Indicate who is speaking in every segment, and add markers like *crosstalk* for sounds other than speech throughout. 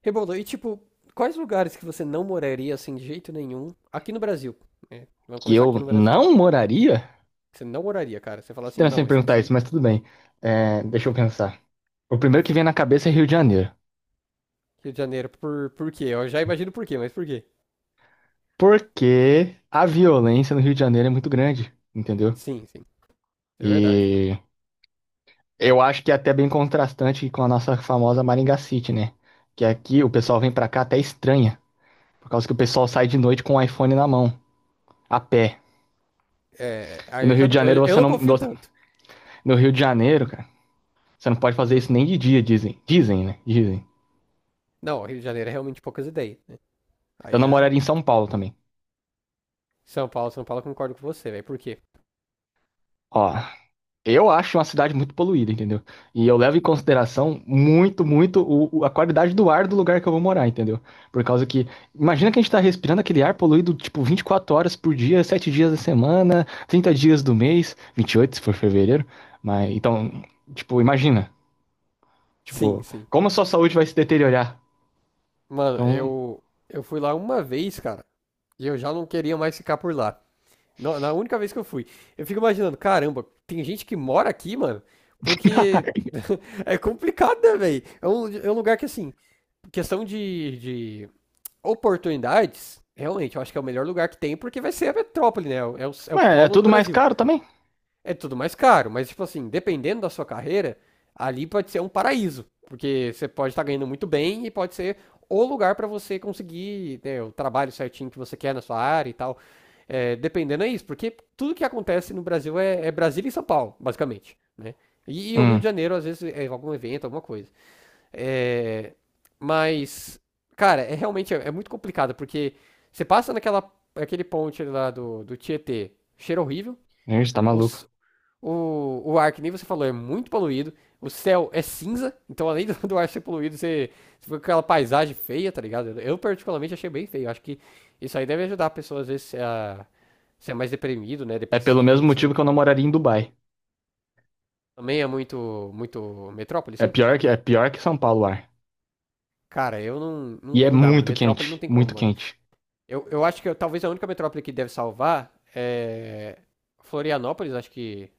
Speaker 1: Rebolo, e tipo, quais lugares que você não moraria assim de jeito nenhum aqui no Brasil? Né? Vamos
Speaker 2: Que
Speaker 1: começar aqui
Speaker 2: eu
Speaker 1: no Brasil.
Speaker 2: não moraria?
Speaker 1: Você não moraria, cara. Você fala assim,
Speaker 2: Estranho você
Speaker 1: não,
Speaker 2: me
Speaker 1: isso
Speaker 2: perguntar isso,
Speaker 1: aqui,
Speaker 2: mas tudo bem. É, deixa eu pensar. O primeiro que vem na cabeça é Rio de Janeiro.
Speaker 1: Rio de Janeiro, por quê? Eu já imagino por quê, mas por quê?
Speaker 2: Porque a violência no Rio de Janeiro é muito grande, entendeu?
Speaker 1: Sim, sim, é verdade.
Speaker 2: E eu acho que é até bem contrastante com a nossa famosa Maringá City, né? Que aqui o pessoal vem pra cá até estranha, por causa que o pessoal sai de noite com o iPhone na mão, a pé.
Speaker 1: É,
Speaker 2: E
Speaker 1: aí
Speaker 2: no
Speaker 1: eu
Speaker 2: Rio
Speaker 1: já
Speaker 2: de
Speaker 1: não-
Speaker 2: Janeiro
Speaker 1: eu, eu
Speaker 2: você
Speaker 1: não
Speaker 2: não. No
Speaker 1: confio tanto.
Speaker 2: no Rio de Janeiro, cara, você não pode fazer
Speaker 1: Hum.
Speaker 2: isso nem de dia, dizem. Dizem, né? Dizem.
Speaker 1: Não, Rio de Janeiro é realmente poucas ideias, né?
Speaker 2: Eu
Speaker 1: Aí
Speaker 2: não
Speaker 1: já.
Speaker 2: moraria em São Paulo também.
Speaker 1: São Paulo, São Paulo, eu concordo com você, velho. Por quê?
Speaker 2: Ó, eu acho uma cidade muito poluída, entendeu? E eu levo em consideração muito, muito a qualidade do ar do lugar que eu vou morar, entendeu? Por causa que, imagina que a gente tá respirando aquele ar poluído, tipo, 24 horas por dia, 7 dias da semana, 30 dias do mês, 28 se for fevereiro. Mas, então, tipo, imagina,
Speaker 1: Sim,
Speaker 2: tipo,
Speaker 1: sim.
Speaker 2: como a sua saúde vai se deteriorar?
Speaker 1: Mano,
Speaker 2: Então,
Speaker 1: eu fui lá uma vez, cara, e eu já não queria mais ficar por lá. Na única vez que eu fui. Eu fico imaginando, caramba, tem gente que mora aqui, mano, porque
Speaker 2: *laughs*
Speaker 1: *laughs* é complicado, né, velho? É um lugar que, assim, questão de oportunidades, realmente, eu acho que é o melhor lugar que tem, porque vai ser a metrópole, né? É o
Speaker 2: mas é
Speaker 1: polo do
Speaker 2: tudo mais
Speaker 1: Brasil.
Speaker 2: caro também.
Speaker 1: É tudo mais caro, mas tipo assim, dependendo da sua carreira, ali pode ser um paraíso, porque você pode estar ganhando muito bem e pode ser o lugar para você conseguir, né, o trabalho certinho que você quer na sua área e tal. É, dependendo é isso, porque tudo que acontece no Brasil é Brasília e São Paulo, basicamente, né? E o Rio de
Speaker 2: Hum,
Speaker 1: Janeiro, às vezes, é algum evento, alguma coisa. É, mas, cara, realmente é muito complicado, porque você passa naquela aquele ponte lá do Tietê, cheiro horrível.
Speaker 2: Gente, tá maluco.
Speaker 1: Os o ar, que nem você falou, é muito poluído. O céu é cinza, então além do ar ser poluído, você fica com aquela paisagem feia, tá ligado? Eu particularmente achei bem feio. Acho que isso aí deve ajudar a pessoa, às vezes, a ser mais deprimido, né?
Speaker 2: É pelo
Speaker 1: Depressivo,
Speaker 2: mesmo
Speaker 1: não
Speaker 2: motivo
Speaker 1: sei.
Speaker 2: que eu não moraria em Dubai.
Speaker 1: Também é muito metrópole,
Speaker 2: É
Speaker 1: sim?
Speaker 2: pior que, é pior que São Paulo o ar.
Speaker 1: Cara, eu
Speaker 2: E é
Speaker 1: não dá, mano.
Speaker 2: muito
Speaker 1: Metrópole não
Speaker 2: quente,
Speaker 1: tem como,
Speaker 2: muito
Speaker 1: mano.
Speaker 2: quente.
Speaker 1: Eu acho que talvez a única metrópole que deve salvar é Florianópolis, acho que.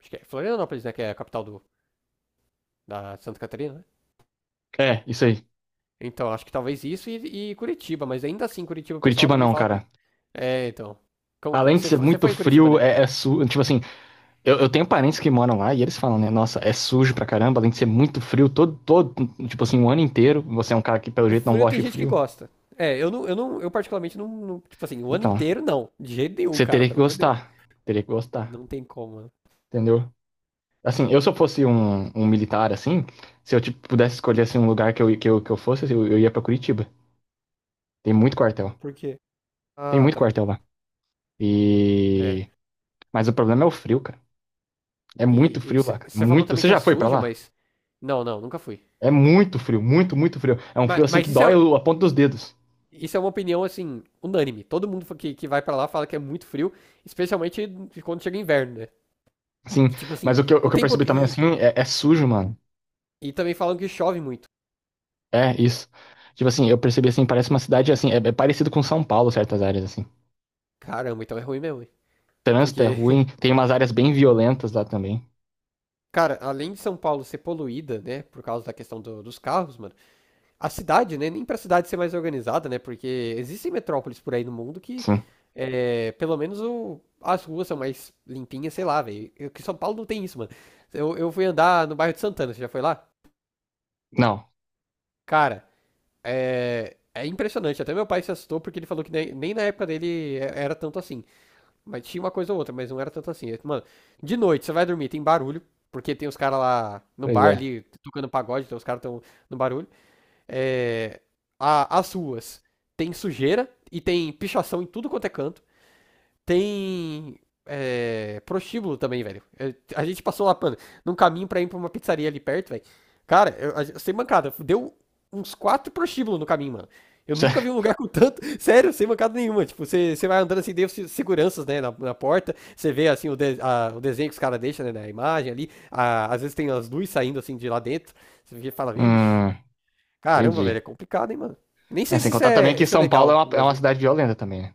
Speaker 1: Acho que é Florianópolis, né? Que é a capital da Santa Catarina, né?
Speaker 2: É, isso aí.
Speaker 1: Então, acho que talvez isso e Curitiba, mas ainda assim, Curitiba o pessoal
Speaker 2: Curitiba
Speaker 1: também
Speaker 2: não,
Speaker 1: fala que.
Speaker 2: cara.
Speaker 1: É, então.
Speaker 2: Além de
Speaker 1: Você
Speaker 2: ser
Speaker 1: você
Speaker 2: muito
Speaker 1: foi em Curitiba,
Speaker 2: frio,
Speaker 1: né?
Speaker 2: é sujo. Tipo assim, eu tenho parentes que moram lá e eles falam, né? Nossa, é sujo pra caramba, além de ser muito frio todo, todo, tipo assim, o ano inteiro. Você é um cara que, pelo
Speaker 1: O
Speaker 2: jeito, não
Speaker 1: frio tem
Speaker 2: gosta de
Speaker 1: gente que
Speaker 2: frio.
Speaker 1: gosta. É, eu particularmente tipo assim, o ano
Speaker 2: Então,
Speaker 1: inteiro não, de jeito nenhum,
Speaker 2: você
Speaker 1: cara,
Speaker 2: teria que
Speaker 1: pelo amor de Deus.
Speaker 2: gostar. Teria que gostar,
Speaker 1: Não tem como, né?
Speaker 2: entendeu? Assim, eu se eu fosse um militar, assim, se eu tipo, pudesse escolher assim, um lugar que eu fosse, eu ia pra Curitiba. Tem muito quartel.
Speaker 1: Por quê?
Speaker 2: Tem
Speaker 1: Ah,
Speaker 2: muito
Speaker 1: tá.
Speaker 2: quartel lá.
Speaker 1: É.
Speaker 2: E. Mas o problema é o frio, cara. É muito
Speaker 1: E
Speaker 2: frio lá, cara.
Speaker 1: você falou
Speaker 2: Muito.
Speaker 1: também
Speaker 2: Você
Speaker 1: que é
Speaker 2: já foi pra
Speaker 1: sujo,
Speaker 2: lá?
Speaker 1: mas não, nunca fui.
Speaker 2: É muito frio, muito, muito frio. É um frio
Speaker 1: Mas,
Speaker 2: assim que
Speaker 1: mas isso
Speaker 2: dói
Speaker 1: é,
Speaker 2: a ponta dos dedos.
Speaker 1: isso é uma opinião assim, unânime. Todo mundo que vai pra lá fala que é muito frio, especialmente quando chega inverno, né?
Speaker 2: Assim,
Speaker 1: Que, tipo assim,
Speaker 2: mas o que eu, o
Speaker 1: o
Speaker 2: que eu
Speaker 1: tempo.
Speaker 2: percebi também assim é sujo, mano.
Speaker 1: E também falam que chove muito.
Speaker 2: É isso. Tipo assim, eu percebi assim, parece uma cidade assim, é parecido com São Paulo, certas áreas assim.
Speaker 1: Caramba, então é ruim mesmo, hein?
Speaker 2: Trânsito é
Speaker 1: Porque,
Speaker 2: ruim,
Speaker 1: *laughs*
Speaker 2: tem umas áreas bem violentas lá também.
Speaker 1: cara, além de São Paulo ser poluída, né, por causa da questão dos carros, mano, a cidade, né, nem pra cidade ser mais organizada, né, porque existem metrópoles por aí no mundo que,
Speaker 2: Sim.
Speaker 1: é, pelo menos as ruas são mais limpinhas, sei lá, velho. Que São Paulo não tem isso, mano. Eu fui andar no bairro de Santana, você já foi lá?
Speaker 2: Não.
Speaker 1: Cara, é impressionante. Até meu pai se assustou porque ele falou que nem na época dele era tanto assim. Mas tinha uma coisa ou outra, mas não era tanto assim. Mano, de noite você vai dormir, tem barulho, porque tem os caras lá no
Speaker 2: Pois
Speaker 1: bar
Speaker 2: é.
Speaker 1: ali, tocando pagode, então os caras estão no barulho. É, as ruas tem sujeira e tem pichação em tudo quanto é canto. Tem. É, prostíbulo também, velho. A gente passou lá, mano, num caminho pra ir pra uma pizzaria ali perto, velho. Cara, eu, sem mancada, deu uns quatro prostíbulos no caminho, mano. Eu nunca vi um
Speaker 2: *laughs*
Speaker 1: lugar com tanto. *laughs* Sério, sem mancada nenhuma. Tipo, você vai andando assim, tem os seguranças, né, na porta. Você vê, assim, o desenho que os caras deixam, né, na imagem ali. Às vezes tem as luzes saindo, assim, de lá dentro. Você fica e fala, vixe,
Speaker 2: Hum,
Speaker 1: caramba, velho, é
Speaker 2: Entendi.
Speaker 1: complicado, hein, mano. Nem
Speaker 2: É,
Speaker 1: sei
Speaker 2: sem
Speaker 1: se
Speaker 2: contar também que
Speaker 1: isso é
Speaker 2: São Paulo é
Speaker 1: legal
Speaker 2: uma,
Speaker 1: no
Speaker 2: é uma
Speaker 1: Brasil.
Speaker 2: cidade violenta também, né?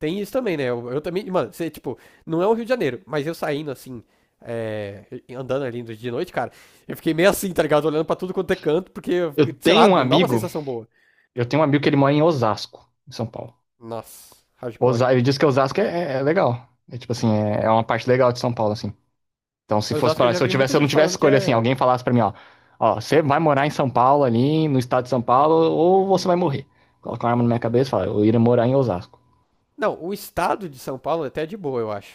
Speaker 1: Tem isso também, né? Eu também, mano, você, tipo, não é o Rio de Janeiro, mas eu saindo assim, é, andando ali de noite, cara, eu fiquei meio assim, tá ligado? Olhando pra tudo quanto é canto, porque,
Speaker 2: Eu
Speaker 1: sei
Speaker 2: tenho
Speaker 1: lá,
Speaker 2: um
Speaker 1: não dá uma
Speaker 2: amigo,
Speaker 1: sensação boa.
Speaker 2: eu tenho um amigo que ele mora em Osasco, em São Paulo.
Speaker 1: Nossa, hardcore, hein?
Speaker 2: Ele disse que Osasco é legal. É tipo assim, é uma parte legal de São Paulo, assim. Então,
Speaker 1: Osasco eu já vi muita
Speaker 2: se eu não
Speaker 1: gente
Speaker 2: tivesse
Speaker 1: falando que
Speaker 2: escolha assim,
Speaker 1: é.
Speaker 2: alguém falasse pra mim, ó, você vai morar em São Paulo ali, no estado de São Paulo, ou você vai morrer. Coloca uma arma na minha cabeça e fala, eu iria morar em Osasco.
Speaker 1: Não, o estado de São Paulo até é de boa, eu acho.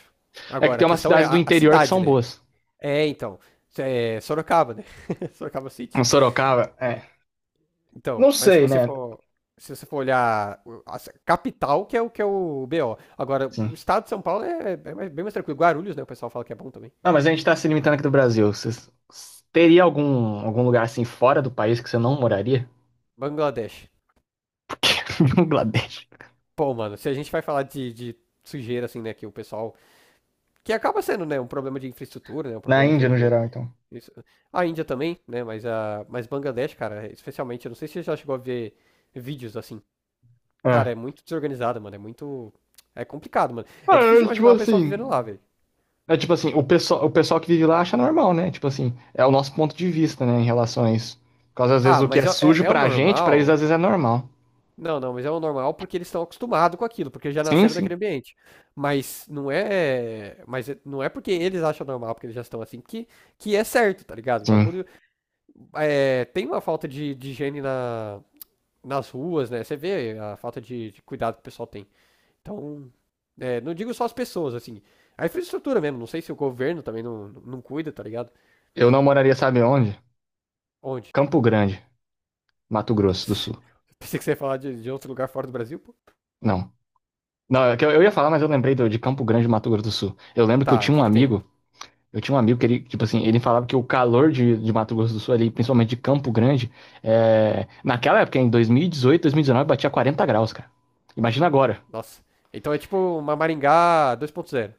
Speaker 2: É que
Speaker 1: Agora, a
Speaker 2: tem umas
Speaker 1: questão é
Speaker 2: cidades do
Speaker 1: a
Speaker 2: interior que
Speaker 1: cidade,
Speaker 2: são
Speaker 1: né?
Speaker 2: boas.
Speaker 1: É, então. É Sorocaba, né? *laughs* Sorocaba City.
Speaker 2: Em Sorocaba, é.
Speaker 1: Então,
Speaker 2: Não
Speaker 1: mas
Speaker 2: sei, né?
Speaker 1: se você for olhar a capital, que é o BO. Agora, o
Speaker 2: Sim.
Speaker 1: estado de São Paulo é bem mais tranquilo. Guarulhos, né? O pessoal fala que é bom também.
Speaker 2: Não, mas a gente tá se limitando aqui do Brasil. Teria algum lugar assim fora do país que você não moraria?
Speaker 1: Bangladesh.
Speaker 2: *laughs* Porque Bangladesh.
Speaker 1: Pô, mano, se a gente vai falar de sujeira, assim, né? Que o pessoal. Que acaba sendo, né? Um problema de infraestrutura, né? Um
Speaker 2: Na
Speaker 1: problema de.
Speaker 2: Índia, no geral, então.
Speaker 1: Isso. A Índia também, né? Mas, a, mas Bangladesh, cara, especialmente. Eu não sei se você já chegou a ver vídeos assim. Cara,
Speaker 2: É.
Speaker 1: é muito desorganizado, mano. É muito. É complicado, mano. É
Speaker 2: Ah,
Speaker 1: difícil de
Speaker 2: é, tipo
Speaker 1: imaginar o pessoal vivendo
Speaker 2: assim.
Speaker 1: lá, velho.
Speaker 2: É tipo assim, o pessoal que vive lá acha normal, né? Tipo assim, é o nosso ponto de vista, né, em relação a isso. Por causa, às vezes,
Speaker 1: Ah,
Speaker 2: o que
Speaker 1: mas
Speaker 2: é sujo
Speaker 1: é o
Speaker 2: pra gente, pra eles
Speaker 1: normal.
Speaker 2: às vezes é normal.
Speaker 1: Não, não, mas é o normal porque eles estão acostumados com aquilo, porque já
Speaker 2: Sim,
Speaker 1: nasceram naquele
Speaker 2: sim,
Speaker 1: ambiente. Não é porque eles acham normal, porque eles já estão assim, que é certo, tá ligado? O
Speaker 2: sim.
Speaker 1: bagulho é, tem uma falta de higiene nas ruas, né? Você vê a falta de cuidado que o pessoal tem. Então, é, não digo só as pessoas, assim, a infraestrutura mesmo. Não sei se o governo também não cuida, tá ligado?
Speaker 2: Eu não moraria, sabe onde?
Speaker 1: Onde?
Speaker 2: Campo Grande, Mato Grosso do
Speaker 1: *laughs*
Speaker 2: Sul.
Speaker 1: Pensei que você ia falar de outro lugar fora do Brasil, pô.
Speaker 2: Não. Não, é que eu ia falar, mas eu lembrei de Campo Grande, Mato Grosso do Sul. Eu lembro que eu
Speaker 1: Tá,
Speaker 2: tinha
Speaker 1: aqui
Speaker 2: um
Speaker 1: que tem.
Speaker 2: amigo, eu tinha um amigo que ele, tipo assim, ele falava que o calor de Mato Grosso do Sul ali, principalmente de Campo Grande, naquela época, em 2018, 2019, batia 40 graus, cara. Imagina agora.
Speaker 1: Nossa. Então é tipo uma Maringá 2.0.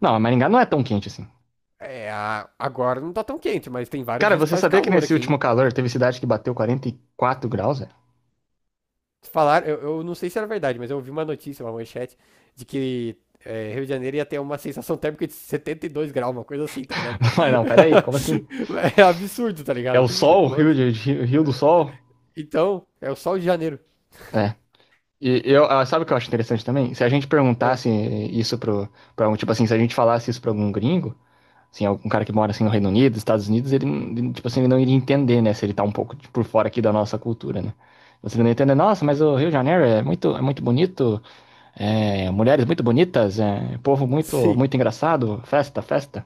Speaker 2: Não, Maringá não é tão quente assim.
Speaker 1: É, agora não tá tão quente, mas tem vários
Speaker 2: Cara,
Speaker 1: dias que
Speaker 2: você
Speaker 1: faz
Speaker 2: sabia que
Speaker 1: calor
Speaker 2: nesse
Speaker 1: aqui,
Speaker 2: último
Speaker 1: hein?
Speaker 2: calor teve cidade que bateu 44 graus, velho?
Speaker 1: Falaram, eu não sei se era verdade, mas eu ouvi uma notícia, uma manchete, de que é, Rio de Janeiro ia ter uma sensação térmica de 72 graus, uma coisa assim, tá ligado?
Speaker 2: *laughs* Mas não, peraí, como assim?
Speaker 1: *laughs* É absurdo, tá
Speaker 2: É
Speaker 1: ligado?
Speaker 2: o sol, o
Speaker 1: Como
Speaker 2: Rio,
Speaker 1: assim?
Speaker 2: Rio do Sol?
Speaker 1: Então, é o sol de janeiro.
Speaker 2: É. E eu, ah, sabe o que eu acho interessante também? Se a gente
Speaker 1: Ah,
Speaker 2: perguntasse isso tipo assim, se a gente falasse isso pra algum gringo, assim, algum cara que mora assim no Reino Unido, Estados Unidos, ele, tipo assim, ele não iria entender, né? Se ele tá um pouco tipo, por fora aqui da nossa cultura, né? Você não ia entender, nossa, mas o Rio de Janeiro é muito, bonito, é, mulheres muito bonitas, é, povo muito,
Speaker 1: sim.
Speaker 2: muito engraçado, festa, festa.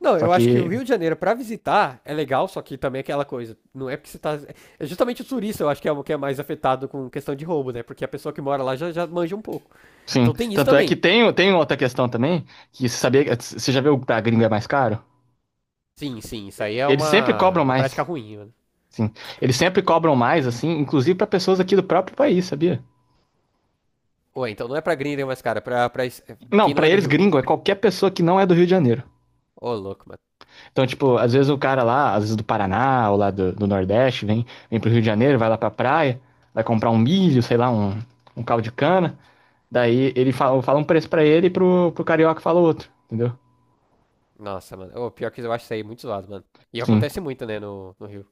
Speaker 1: Não,
Speaker 2: Só
Speaker 1: eu acho que o
Speaker 2: que
Speaker 1: Rio de Janeiro pra visitar é legal, só que também é aquela coisa, não é porque você tá. É justamente o turista, eu acho que é o que é mais afetado com questão de roubo, né? Porque a pessoa que mora lá já, já manja um pouco.
Speaker 2: sim.
Speaker 1: Então tem isso
Speaker 2: Tanto é que
Speaker 1: também.
Speaker 2: tem outra questão também, que você sabia, você já viu que da gringa é mais caro?
Speaker 1: Sim, sim, isso aí é
Speaker 2: Eles sempre cobram
Speaker 1: uma prática
Speaker 2: mais.
Speaker 1: ruim, mano.
Speaker 2: Sim. Eles sempre cobram mais, assim, inclusive para pessoas aqui do próprio país, sabia?
Speaker 1: Ou então não é pra gringa, mas, cara, pra
Speaker 2: Não,
Speaker 1: quem não
Speaker 2: para
Speaker 1: é do
Speaker 2: eles
Speaker 1: Rio.
Speaker 2: gringo é qualquer pessoa que não é do Rio de Janeiro.
Speaker 1: Ô, louco, mano.
Speaker 2: Então, tipo, às vezes o cara lá, às vezes do Paraná ou lá do Nordeste, vem pro Rio de Janeiro, vai lá pra praia, vai comprar um milho, sei lá, um, caldo de cana. Daí ele fala um preço para ele e pro carioca fala outro, entendeu?
Speaker 1: Nossa, mano. Ô, pior que eu acho isso aí muito zoado, mano. E
Speaker 2: Sim.
Speaker 1: acontece muito, né, no Rio.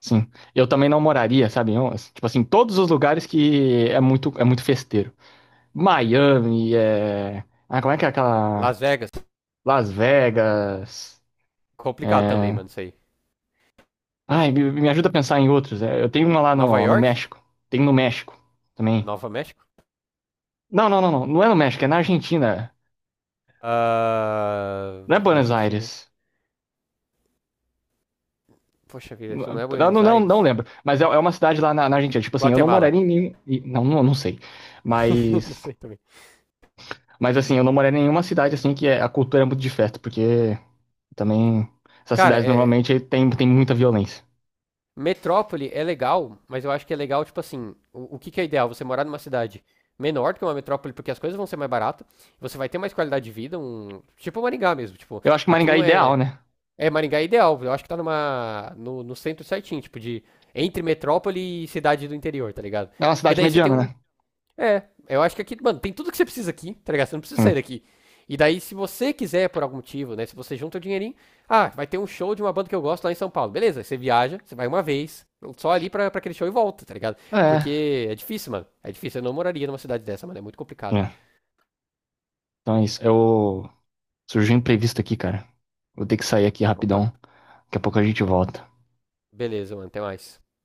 Speaker 2: Sim. Eu também não moraria, sabe? Eu, tipo assim, todos os lugares que é muito festeiro. Miami, ah, como é que é aquela...
Speaker 1: Las Vegas,
Speaker 2: Las Vegas,
Speaker 1: complicado também,
Speaker 2: é...
Speaker 1: mano, isso aí.
Speaker 2: Ai, me ajuda a pensar em outros. É, eu tenho uma lá
Speaker 1: Nova
Speaker 2: no
Speaker 1: York,
Speaker 2: México. Tem no México também.
Speaker 1: Nova México.
Speaker 2: Não, não, não, não. Não é no México, é na Argentina.
Speaker 1: Ah,
Speaker 2: Não é Buenos
Speaker 1: Argentina.
Speaker 2: Aires.
Speaker 1: Poxa vida, isso não é
Speaker 2: Não,
Speaker 1: Buenos
Speaker 2: não, não, não
Speaker 1: Aires.
Speaker 2: lembro. Mas é uma cidade lá na Argentina. Tipo assim, eu não
Speaker 1: Guatemala.
Speaker 2: moraria em... Não, não, não sei.
Speaker 1: *laughs* Não
Speaker 2: Mas...
Speaker 1: sei também.
Speaker 2: Mas assim, eu não moraria em nenhuma cidade assim que a cultura é muito de festa, porque... Também, essas
Speaker 1: Cara,
Speaker 2: cidades
Speaker 1: é,
Speaker 2: normalmente tem muita violência.
Speaker 1: metrópole é legal, mas eu acho que é legal, tipo assim, que é ideal? Você morar numa cidade menor que uma metrópole, porque as coisas vão ser mais baratas, você vai ter mais qualidade de vida, um. Tipo Maringá mesmo, tipo,
Speaker 2: Eu acho que
Speaker 1: aqui
Speaker 2: Maringá é
Speaker 1: não é.
Speaker 2: ideal, né?
Speaker 1: É, Maringá é ideal, eu acho que tá numa. No centro certinho, tipo, de. Entre metrópole e cidade do interior, tá ligado?
Speaker 2: É uma
Speaker 1: Porque
Speaker 2: cidade
Speaker 1: daí você tem
Speaker 2: mediana,
Speaker 1: um.
Speaker 2: né?
Speaker 1: É, eu acho que aqui, mano, tem tudo que você precisa aqui, tá ligado? Você não precisa sair
Speaker 2: Sim.
Speaker 1: daqui. E daí, se você quiser, por algum motivo, né? Se você junta o dinheirinho, ah, vai ter um show de uma banda que eu gosto lá em São Paulo. Beleza, você viaja, você vai uma vez, só ali pra aquele show e volta, tá ligado?
Speaker 2: É.
Speaker 1: Porque é difícil, mano. É difícil. Eu não moraria numa cidade dessa, mano. É muito complicado.
Speaker 2: É. Então é isso. Eu... Surgiu um imprevisto aqui, cara. Vou ter que sair aqui rapidão.
Speaker 1: Opa.
Speaker 2: Daqui a pouco a gente volta.
Speaker 1: Beleza, mano. Até mais.